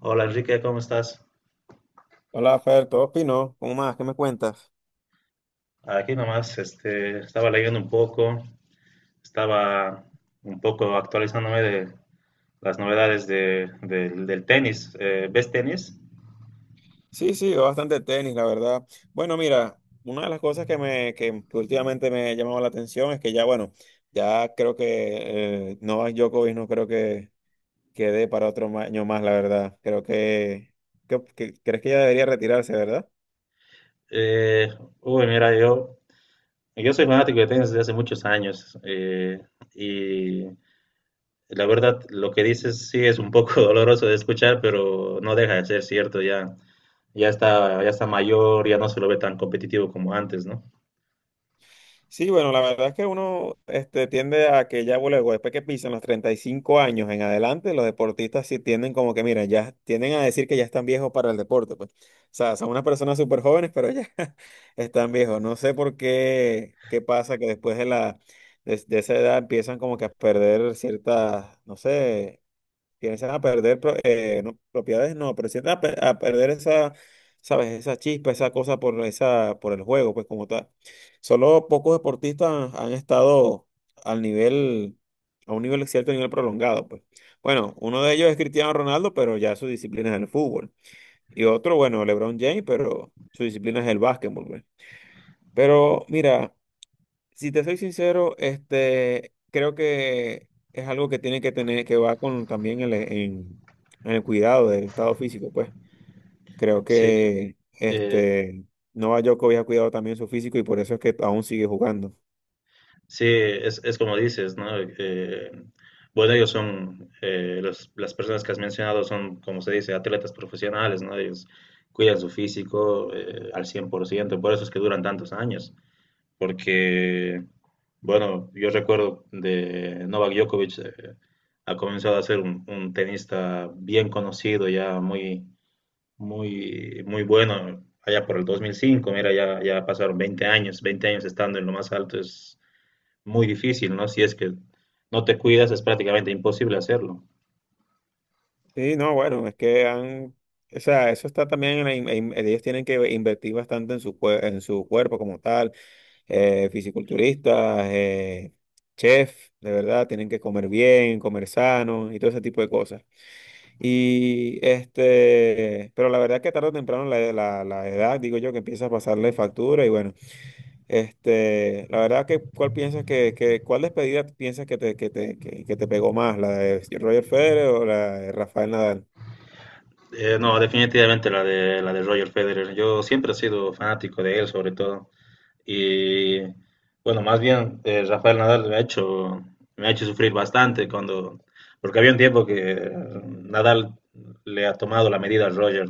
Hola Enrique, ¿cómo estás? Hola, Fer, ¿todo fino? ¿Cómo más? ¿Qué me cuentas? Aquí nomás, estaba leyendo un poco, estaba un poco actualizándome de las novedades del tenis. ¿Ves tenis? Sí, sí, veo bastante tenis, la verdad. Bueno, mira, una de las cosas que últimamente me ha llamado la atención es que ya, bueno, ya creo que Novak Djokovic no creo que quede para otro año más, la verdad. Creo crees que ya debería retirarse, ¿verdad? Eh, Mira, yo soy fanático de tenis desde hace muchos años y la verdad lo que dices sí es un poco doloroso de escuchar, pero no deja de ser cierto, ya, ya está mayor, ya no se lo ve tan competitivo como antes, ¿no? Sí, bueno, la verdad es que uno tiende a que ya luego, después que pisan los 35 años en adelante, los deportistas sí tienden como que, mira, ya tienden a decir que ya están viejos para el deporte, pues. O sea, son unas personas súper jóvenes, pero ya están viejos. No sé por qué, qué pasa que después de esa edad empiezan como que a perder ciertas, no sé, tienes a perder no, propiedades, no, pero sí a perder esa, ¿sabes? Esa chispa, esa cosa por, esa, por el juego, pues como tal. Solo pocos deportistas han estado al nivel, a un nivel cierto nivel prolongado, pues. Bueno, uno de ellos es Cristiano Ronaldo, pero ya su disciplina es el fútbol. Y otro, bueno, LeBron James, pero su disciplina es el básquetbol, pues. Pero mira, si te soy sincero, creo que es algo que tiene que tener, que va con también en el cuidado del estado físico, pues. Creo Sí, que eh, Novak Djokovic ha cuidado también su físico y por eso es que aún sigue jugando. sí, es como dices, ¿no? Eh, bueno, las personas que has mencionado son, como se dice, atletas profesionales, ¿no? Ellos cuidan su físico al cien por ciento, por eso es que duran tantos años, porque, bueno, yo recuerdo de Novak Djokovic, ha comenzado a ser un tenista bien conocido, ya muy, muy, muy bueno, allá por el 2005. Mira, ya, ya pasaron 20 años, 20 años estando en lo más alto, es muy difícil, ¿no? Si es que no te cuidas, es prácticamente imposible hacerlo. Sí, no, bueno, es que han, o sea, eso está también en la in- en- ellos tienen que invertir bastante en su cuerpo como tal, fisiculturistas, chef, de verdad, tienen que comer bien, comer sano y todo ese tipo de cosas. Y pero la verdad que tarde o temprano la edad, digo yo, que empieza a pasarle factura y bueno. La verdad que, ¿cuál piensas que cuál despedida piensas que te pegó más? ¿La de Roger Federer o la de Rafael Nadal? No, definitivamente la de Roger Federer. Yo siempre he sido fanático de él, sobre todo. Y bueno, más bien Rafael Nadal me ha hecho sufrir bastante cuando, porque había un tiempo que Nadal le ha tomado la medida a Roger,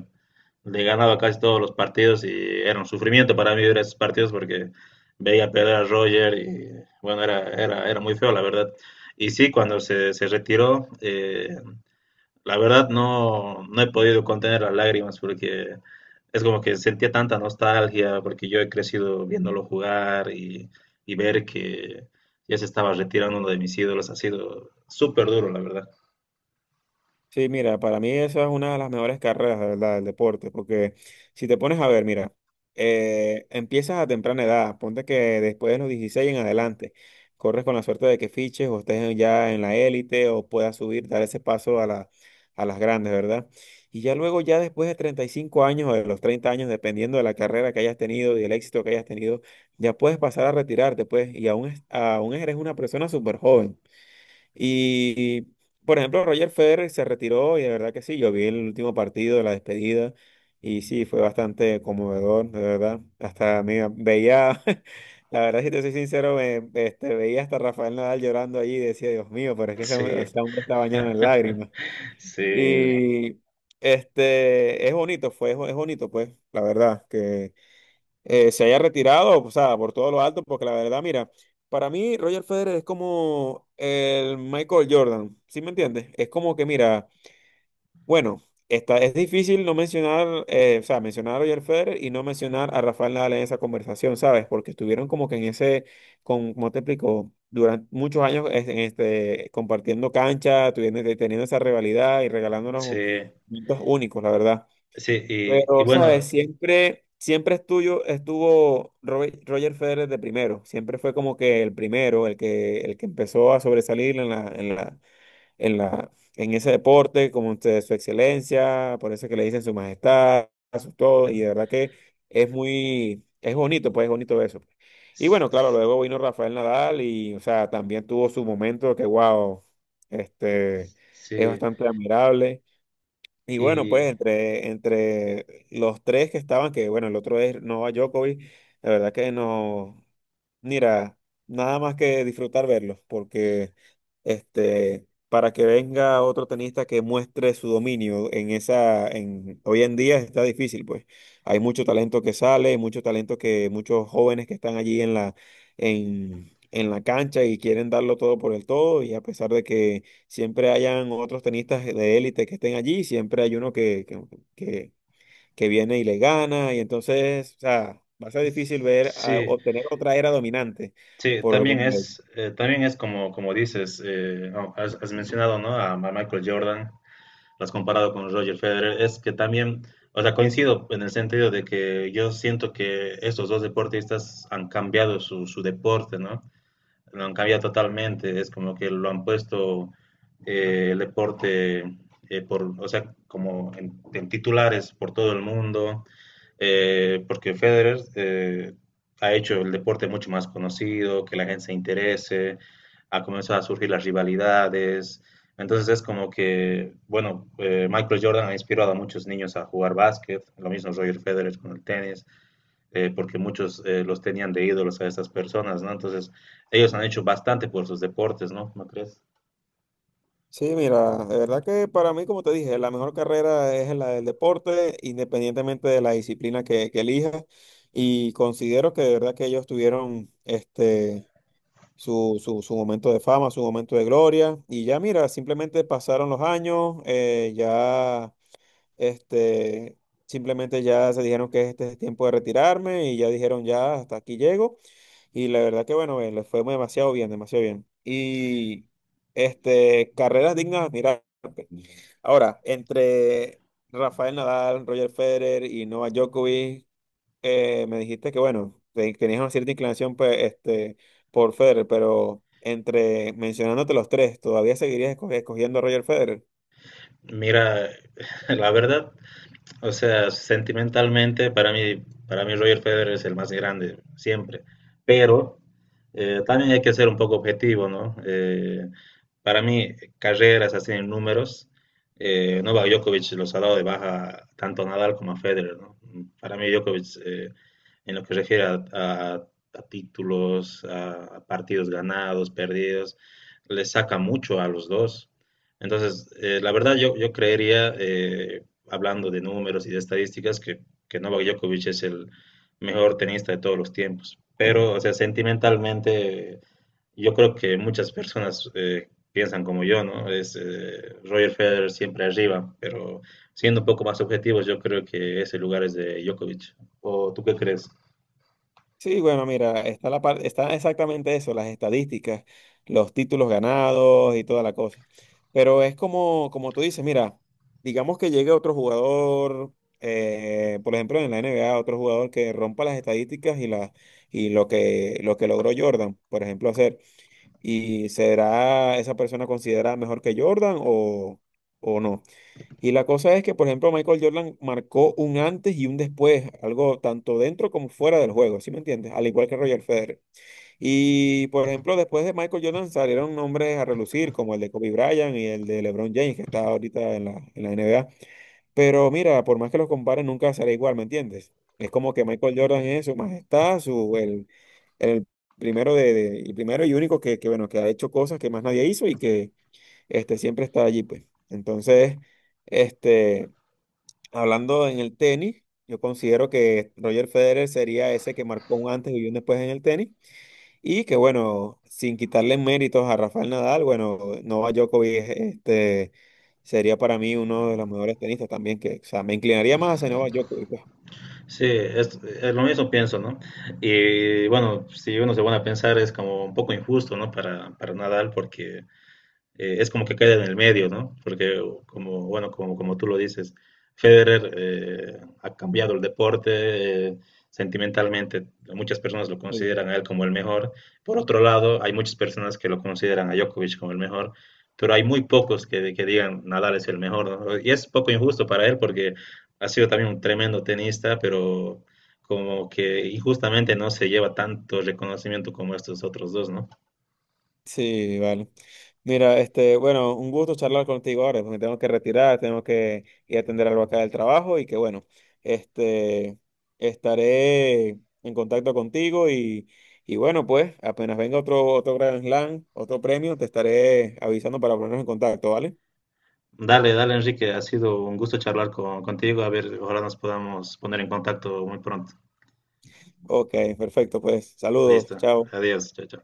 le ganaba casi todos los partidos y era un sufrimiento para mí ver esos partidos porque veía perder a Roger y bueno, era muy feo la verdad. Y sí, cuando se retiró, la verdad no, no he podido contener las lágrimas porque es como que sentía tanta nostalgia porque yo he crecido viéndolo jugar y ver que ya se estaba retirando uno de mis ídolos ha sido súper duro, la verdad. Sí, mira, para mí esa es una de las mejores carreras, de verdad, del deporte, porque si te pones a ver, mira, empiezas a temprana edad, ponte que después de los 16 en adelante, corres con la suerte de que fiches o estés ya en la élite o puedas subir, dar ese paso a las grandes, ¿verdad? Y ya luego, ya después de 35 años o de los 30 años, dependiendo de la carrera que hayas tenido y el éxito que hayas tenido, ya puedes pasar a retirarte, pues, y aún, aún eres una persona súper joven. Y, por ejemplo, Roger Federer se retiró y de verdad que sí, yo vi el último partido de la despedida y sí, fue bastante conmovedor, de verdad. Hasta mira, veía, la verdad, si te soy sincero, veía hasta Rafael Nadal llorando allí y decía, Dios mío, pero es que Sí, ese hombre está bañado en lágrimas. sí, Y es bonito, fue, es bonito, pues, la verdad, que se haya retirado, o sea, por todo lo alto, porque la verdad, mira, para mí Roger Federer es como el Michael Jordan, ¿sí me entiendes? Es como que, mira, bueno, es difícil no mencionar, o sea, mencionar a Roger Federer y no mencionar a Rafael Nadal en esa conversación, ¿sabes? Porque estuvieron como que en ese, con, ¿cómo te explico? Durante muchos años compartiendo cancha, teniendo esa rivalidad y regalándonos sí, momentos únicos, la verdad. sí, y Pero, ¿sabes? bueno, Siempre, siempre estuvo Roger Federer de primero. Siempre fue como que el primero, el que empezó a sobresalir en ese deporte, como usted, su excelencia, por eso que le dicen su majestad, su todo, y de verdad que es muy, es bonito, pues es bonito eso. Y bueno, claro, s- luego vino Rafael Nadal y, o sea, también tuvo su momento que, wow, este, es sí, bastante admirable. Y bueno, y pues entre los tres que estaban, que bueno, el otro es Novak Djokovic, la verdad que nos, mira, nada más que disfrutar verlos, porque para que venga otro tenista que muestre su dominio hoy en día está difícil, pues. Hay mucho talento que sale, mucho talento que muchos jóvenes que están allí en la cancha y quieren darlo todo por el todo, y a pesar de que siempre hayan otros tenistas de élite que estén allí, siempre hay uno que que viene y le gana, y entonces, o sea, va a ser difícil sí, obtener otra era dominante sí, por algún medio. También es como, como dices, no, has mencionado, ¿no? A Michael Jordan. Lo has comparado con Roger Federer, es que también, o sea, coincido en el sentido de que yo siento que estos dos deportistas han cambiado su, su deporte, ¿no? Lo han cambiado totalmente, es como que lo han puesto el deporte, o sea, como en titulares por todo el mundo, porque Federer ha hecho el deporte mucho más conocido, que la gente se interese, ha comenzado a surgir las rivalidades. Entonces es como que, bueno, Michael Jordan ha inspirado a muchos niños a jugar básquet, lo mismo Roger Federer con el tenis, porque muchos los tenían de ídolos a estas personas, ¿no? Entonces, ellos han hecho bastante por sus deportes, ¿no? ¿No crees? Sí, mira, de verdad que para mí, como te dije, la mejor carrera es la del deporte, independientemente de la disciplina que elijas, y considero que de verdad que ellos tuvieron. Su momento de fama, su momento de gloria, y ya mira, simplemente pasaron los años, Este, simplemente ya se dijeron que este es el tiempo de retirarme y ya dijeron ya hasta aquí llego. Y la verdad que bueno, les fue demasiado bien, demasiado bien. Y carreras dignas, mira. Ahora, entre Rafael Nadal, Roger Federer y Novak Djokovic, me dijiste que bueno, tenías una cierta inclinación pues, por Federer, pero entre mencionándote los tres, ¿todavía seguirías escogiendo a Roger Federer? Mira, la verdad, o sea, sentimentalmente para mí Roger Federer es el más grande siempre, pero también hay que ser un poco objetivo, ¿no? Para mí, carreras así en números, Novak Djokovic los ha dado de baja tanto a Nadal como a Federer, ¿no? Para mí Djokovic, en lo que se refiere a títulos, a partidos ganados, perdidos, le saca mucho a los dos. Entonces, la verdad yo, yo creería, hablando de números y de estadísticas, que Novak Djokovic es el mejor tenista de todos los tiempos. Pero, o sea, sentimentalmente, yo creo que muchas personas piensan como yo, ¿no? Es Roger Federer siempre arriba, pero siendo un poco más objetivos, yo creo que ese lugar es de Djokovic. ¿O tú qué crees? Sí, bueno, mira, está exactamente eso, las estadísticas, los títulos ganados y toda la cosa. Pero es como tú dices, mira, digamos que llegue otro jugador, por ejemplo, en la NBA, otro jugador que rompa las estadísticas y lo que logró Jordan, por ejemplo, hacer. ¿Y será esa persona considerada mejor que Jordan o no? Y la cosa es que, por ejemplo, Michael Jordan marcó un antes y un después, algo tanto dentro como fuera del juego, ¿sí me entiendes? Al igual que Roger Federer. Y, por ejemplo, después de Michael Jordan salieron nombres a relucir, como el de Kobe Bryant y el de LeBron James, que está ahorita en la NBA. Pero mira, por más que los comparen, nunca será igual, ¿me entiendes? Es como que Michael Jordan es su majestad, el primero, el primero y único bueno, que ha hecho cosas que más nadie hizo y que siempre está allí, pues. Entonces... Este, hablando en el tenis, yo considero que Roger Federer sería ese que marcó un antes y un después en el tenis. Y que bueno, sin quitarle méritos a Rafael Nadal, bueno, Novak Djokovic sería para mí uno de los mejores tenistas también, que, o sea, me inclinaría más hacia Novak Djokovic, Sí, es lo mismo pienso, ¿no? Y bueno, si uno se pone a pensar es como un poco injusto, ¿no? Para Nadal porque es como que queda en el medio, ¿no? Porque como, bueno, como, como tú lo dices, Federer ha cambiado el deporte, sentimentalmente. Muchas personas lo pues. consideran a él como el mejor. Por otro lado, hay muchas personas que lo consideran a Djokovic como el mejor, pero hay muy pocos que digan Nadal es el mejor, ¿no? Y es poco injusto para él porque ha sido también un tremendo tenista, pero como que injustamente no se lleva tanto reconocimiento como estos otros dos, ¿no? Sí, vale. Mira, bueno, un gusto charlar contigo ahora, pues me tengo que retirar, tengo que ir a atender algo acá del trabajo y que bueno, este, estaré en contacto contigo y bueno, pues apenas venga otro Grand Slam, otro premio, te estaré avisando para ponernos en contacto, ¿vale? Dale, dale, Enrique. Ha sido un gusto charlar contigo. A ver, ojalá nos podamos poner en contacto muy pronto. Ok, perfecto, pues Listo. saludos, chao. Adiós. Chao, chao.